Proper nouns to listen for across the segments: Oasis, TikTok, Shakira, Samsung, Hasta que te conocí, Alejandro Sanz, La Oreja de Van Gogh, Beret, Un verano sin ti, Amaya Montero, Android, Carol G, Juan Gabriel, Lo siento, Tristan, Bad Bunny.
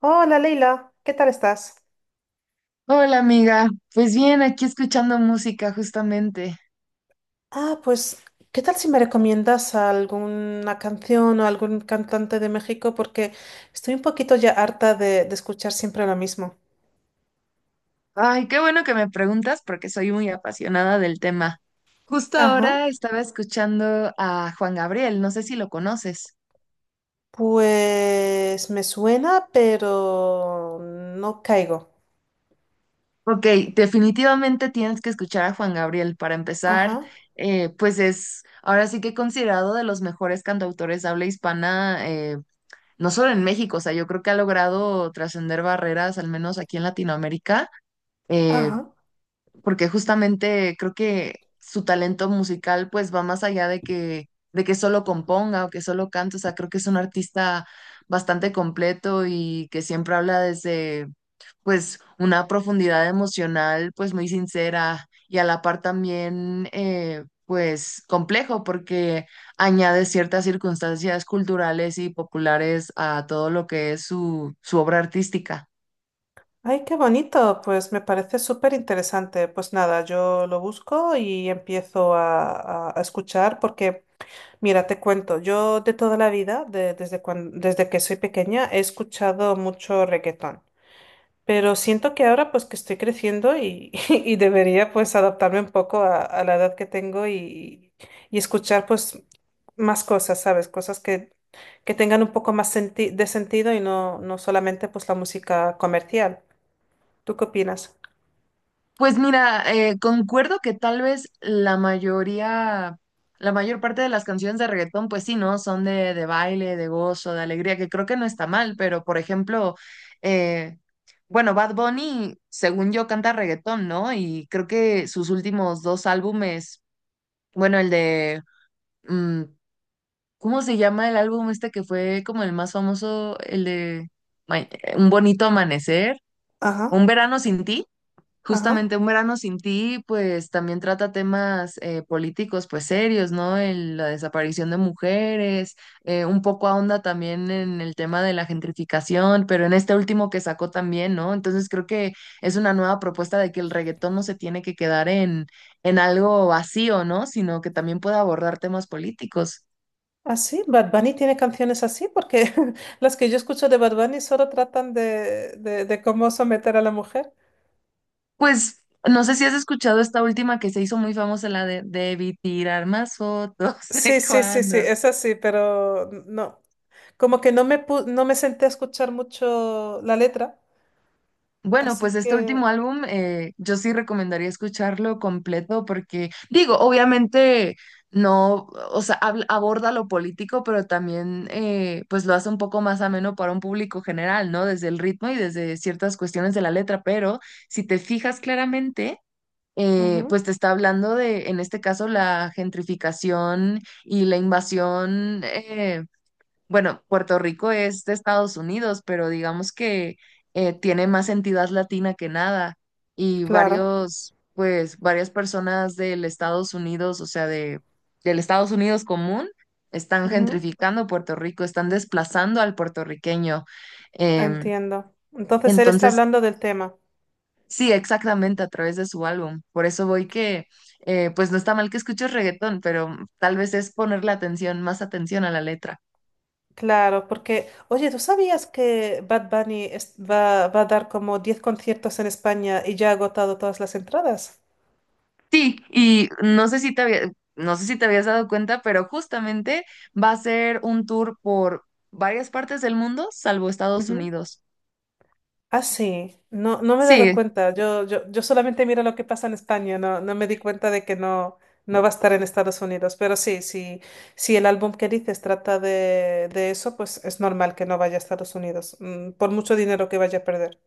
Hola Leila, ¿qué tal estás? Hola amiga, pues bien, aquí escuchando música justamente. Ah, pues, ¿qué tal si me recomiendas alguna canción o algún cantante de México? Porque estoy un poquito ya harta de escuchar siempre lo mismo. Ay, qué bueno que me preguntas porque soy muy apasionada del tema. Justo Ajá, ahora estaba escuchando a Juan Gabriel, no sé si lo conoces. pues me suena, pero no caigo. Ok, definitivamente tienes que escuchar a Juan Gabriel para empezar, Ajá, pues es ahora sí que considerado de los mejores cantautores de habla hispana, no solo en México, o sea, yo creo que ha logrado trascender barreras, al menos aquí en Latinoamérica. Eh, ajá. Porque justamente creo que su talento musical pues va más allá de que solo componga o que solo cante, o sea, creo que es un artista bastante completo y que siempre habla desde pues una profundidad emocional pues muy sincera y a la par también pues complejo porque añade ciertas circunstancias culturales y populares a todo lo que es su obra artística. Ay, qué bonito, pues me parece súper interesante. Pues nada, yo lo busco y empiezo a escuchar porque... Mira, te cuento, yo de toda la vida, desde que soy pequeña, he escuchado mucho reggaetón, pero siento que ahora pues que estoy creciendo y, y debería pues adaptarme un poco a la edad que tengo y escuchar pues más cosas, ¿sabes? Cosas que tengan un poco más de sentido y no, no solamente pues la música comercial. ¿Tú qué opinas? Pues mira, concuerdo que tal vez la mayoría, la mayor parte de las canciones de reggaetón, pues sí, ¿no? Son de baile, de gozo, de alegría, que creo que no está mal, pero por ejemplo, eh, bueno, Bad Bunny, según yo, canta reggaetón, ¿no? Y creo que sus últimos dos álbumes, bueno, el de, mm, ¿cómo se llama el álbum este que fue como el más famoso? El de Ma- Un bonito amanecer, Ajá, Un verano sin ti. ajá. Justamente Un verano sin ti, pues también trata temas políticos, pues serios, ¿no? El- la desaparición de mujeres, un poco ahonda también en el tema de la gentrificación, pero en este último que sacó también, ¿no? Entonces creo que es una nueva propuesta de que el reggaetón no se tiene que quedar en algo vacío, ¿no? Sino que también pueda abordar temas políticos. ¿Ah, sí? ¿Bad Bunny tiene canciones así? Porque las que yo escucho de Bad Bunny solo tratan de cómo someter a la mujer. Pues no sé si has escuchado esta última que se hizo muy famosa, la de debí tirar más fotos, Sí, ¿de sí, sí, sí, cuando es así, pero no. Como que no me, no me senté a escuchar mucho la letra, Bueno, así pues este último que... álbum yo sí recomendaría escucharlo completo porque, digo, obviamente no, o sea, aborda lo político, pero también pues lo hace un poco más ameno para un público general, ¿no? Desde el ritmo y desde ciertas cuestiones de la letra, pero si te fijas claramente, Ujú, pues te está hablando de, en este caso, la gentrificación y la invasión. Bueno, Puerto Rico es de Estados Unidos, pero digamos que tiene más entidad latina que nada y claro, varios, pues, varias personas del Estados Unidos, o sea, del Estados Unidos común, están ujú, gentrificando Puerto Rico, están desplazando al puertorriqueño. Em, entiendo. Entonces él está entonces, hablando del tema. sí, exactamente a través de su álbum. Por eso voy que, pues, no está mal que escuches reggaetón, pero tal vez es ponerle atención, más atención a la letra. Claro, porque, oye, ¿tú sabías que Bad Bunny va, va a dar como 10 conciertos en España y ya ha agotado todas las entradas? Sí, y no sé si no sé si te habías dado cuenta, pero justamente va a ser un tour por varias partes del mundo, salvo Estados Ujú. Unidos. Ah, sí, no, no me he dado Sí, cuenta. Yo solamente miro lo que pasa en España, no, no me di cuenta de que no, no va a estar en Estados Unidos. Pero sí, sí, si el álbum que dices trata de eso, pues es normal que no vaya a Estados Unidos, por mucho dinero que vaya a perder.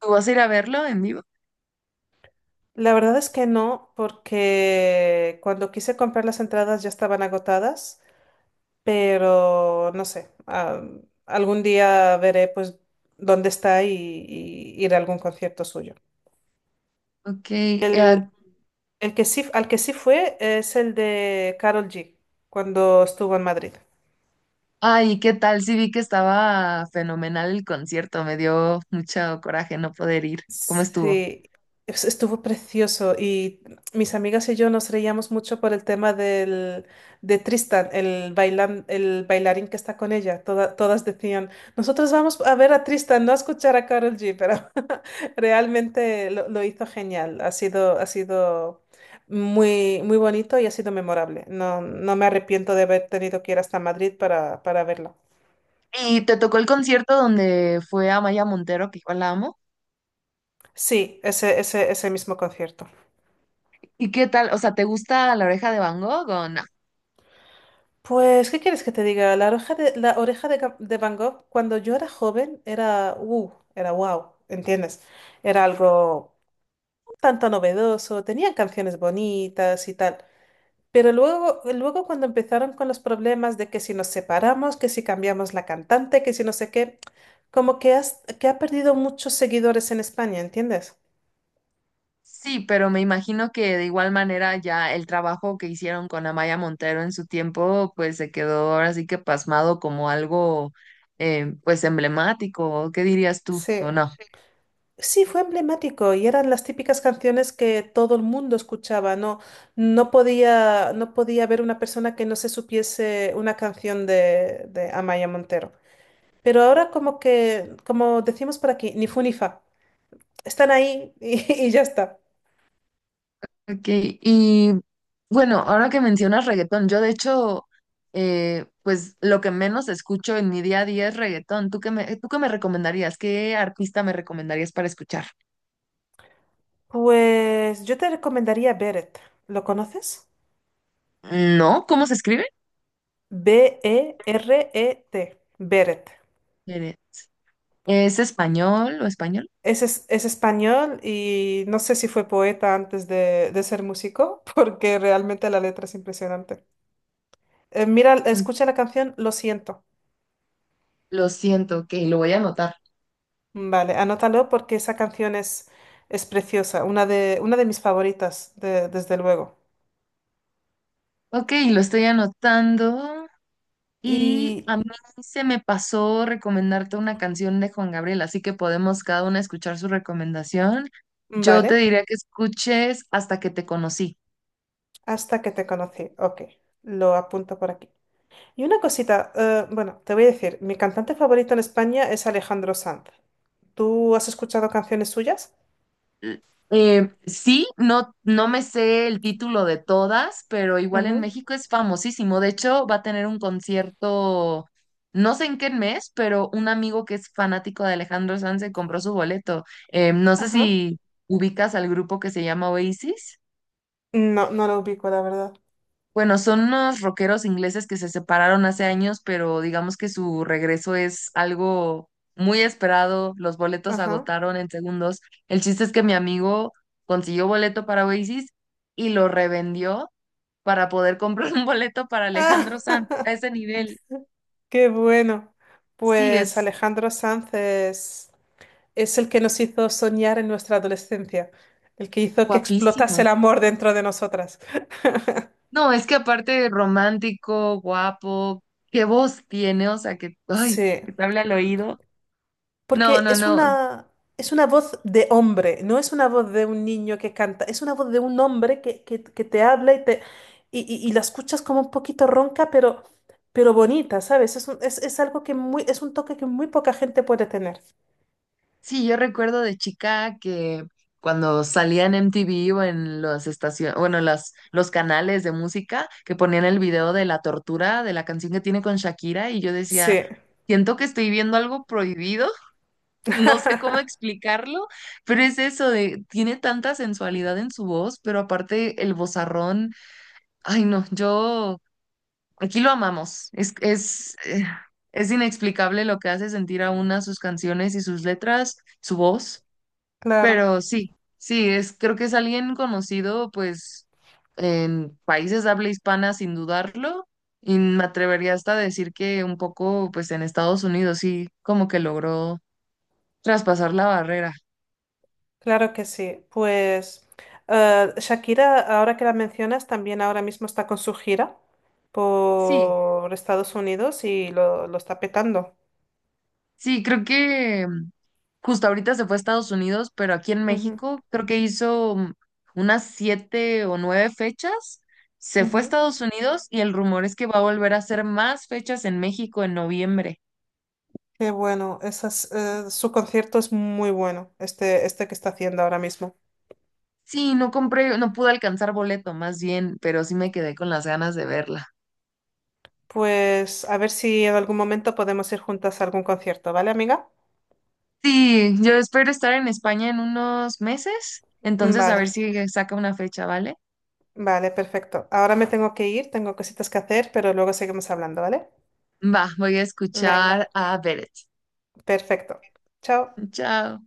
¿tú vas a ir a verlo en vivo? La verdad es que no, porque cuando quise comprar las entradas ya estaban agotadas, pero no sé, ah, algún día veré pues dónde está y ir a algún concierto suyo. Ok, El, El que sí, al que sí fue es el de Carol G, cuando estuvo en Madrid. ay, ¿qué tal? Sí vi que estaba fenomenal el concierto, me dio mucho coraje no poder ir. ¿Cómo estuvo? Sí, estuvo precioso y mis amigas y yo nos reíamos mucho por el tema de Tristan, el bailarín que está con ella. Todas decían, nosotros vamos a ver a Tristan, no a escuchar a Carol G, pero realmente lo hizo genial. Ha sido muy, muy bonito y ha sido memorable. No, no me arrepiento de haber tenido que ir hasta Madrid para verla. Y te tocó el concierto donde fue Amaya Montero, que igual la amo. Sí, ese mismo concierto. ¿Y qué tal? O sea, ¿te gusta La Oreja de Van Gogh? ¿O no? Pues, ¿qué quieres que te diga? La oreja de, Ga- de Van Gogh, cuando yo era joven, era era wow, ¿entiendes? Era algo un tanto novedoso, tenían canciones bonitas y tal. Pero luego, luego cuando empezaron con los problemas de que si nos separamos, que si cambiamos la cantante, que si no sé qué, como que, que ha perdido muchos seguidores en España, ¿entiendes? Sí, pero me imagino que de igual manera ya el trabajo que hicieron con Amaya Montero en su tiempo, pues se quedó ahora sí que pasmado como algo pues emblemático, ¿qué dirías tú Sí, o no? sí, fue emblemático y eran las típicas canciones que todo el mundo escuchaba. No, no podía haber una persona que no se supiese una canción de Amaya Montero. Pero ahora como que, como decimos por aquí, ni fu ni fa. Están ahí y, y ya está. Ok, y bueno, ahora que mencionas reggaetón, yo de hecho pues lo que menos escucho en mi día a día es reggaetón. ¿Tú qué me recomendarías? ¿Qué artista me recomendarías para escuchar? Pues yo te recomendaría Beret. ¿Lo conoces? ¿No? ¿Cómo se escribe? Beret. Beret. Eh, ¿Es español o español? Es español y no sé si fue poeta antes de ser músico, porque realmente la letra es impresionante. Mira, escucha la canción Lo siento. Lo siento, ok, lo voy a anotar. Vale, anótalo porque esa canción es preciosa, una de mis favoritas, desde luego. Ok, lo estoy anotando. Y Y a mí se me pasó recomendarte una canción de Juan Gabriel, así que podemos cada una escuchar su recomendación. Yo te vale, diría que escuches Hasta que te conocí. hasta que te conocí. Ok, lo apunto por aquí. Y una cosita, bueno, te voy a decir, mi cantante favorito en España es Alejandro Sanz. ¿Tú has escuchado canciones suyas? L- sí, no, no me sé el título de todas, pero igual en Ujú, México es famosísimo. De hecho, va a tener un concierto, no sé en qué mes, pero un amigo que es fanático de Alejandro Sanz se compró su boleto. No sé ajá. si ubicas al grupo que se llama Oasis. No, no lo ubico, la verdad. Bueno, son unos rockeros ingleses que se separaron hace años, pero digamos que su regreso es algo muy esperado. Los boletos se Ajá. agotaron en segundos. El chiste es que mi amigo consiguió boleto para Oasis y lo revendió para poder comprar un boleto para Alejandro Sanz a ese nivel. Qué bueno. Sí, Pues es Alejandro Sanz es el que nos hizo soñar en nuestra adolescencia, el que hizo que explotase el guapísimo. amor dentro de nosotras. No, es que aparte romántico, guapo, qué voz tiene, o sea que, ay, Sí, que te habla al oído. No, porque no, no. Es una voz de hombre, no es una voz de un niño que canta, es una voz de un hombre que te habla y, te, y la escuchas como un poquito ronca, pero bonita, ¿sabes? Es algo que muy, es un toque que muy poca gente puede tener. Sí, yo recuerdo de chica que cuando salía en MTV o en las estaciones, bueno, las, los canales de música que ponían el video de la tortura de la canción que tiene con Shakira y yo Sí, decía, siento que estoy viendo algo prohibido, no sé cómo explicarlo, pero es eso de, tiene tanta sensualidad en su voz, pero aparte el vozarrón, ay no, yo, aquí lo amamos, es inexplicable lo que hace sentir a una sus canciones y sus letras, su voz. claro, Pero sí, sí, es, creo que es alguien conocido, pues, en países de habla hispana, sin dudarlo, y me atrevería hasta a decir que un poco, pues, en Estados Unidos, sí, como que logró traspasar la barrera. claro que sí. Pues Shakira, ahora que la mencionas, también ahora mismo está con su gira Sí, por Estados Unidos y lo está petando. sí, creo que justo ahorita se fue a Estados Unidos, pero aquí en Ujú, México creo que hizo unas siete o nueve fechas. Se fue a ujú. Estados Unidos y el rumor es que va a volver a hacer más fechas en México en noviembre. Qué bueno, esas, su concierto es muy bueno, este que está haciendo ahora mismo. Sí, no compré, no pude alcanzar boleto más bien, pero sí me quedé con las ganas de verla. Pues a ver si en algún momento podemos ir juntas a algún concierto, ¿vale, amiga? Sí, yo espero estar en España en unos meses, entonces a Vale, ver si saca una fecha, ¿vale? vale, perfecto. Ahora me tengo que ir, tengo cositas que hacer, pero luego seguimos hablando, ¿vale? Va, voy a Venga. escuchar a Beret. Perfecto. Chao. Chao.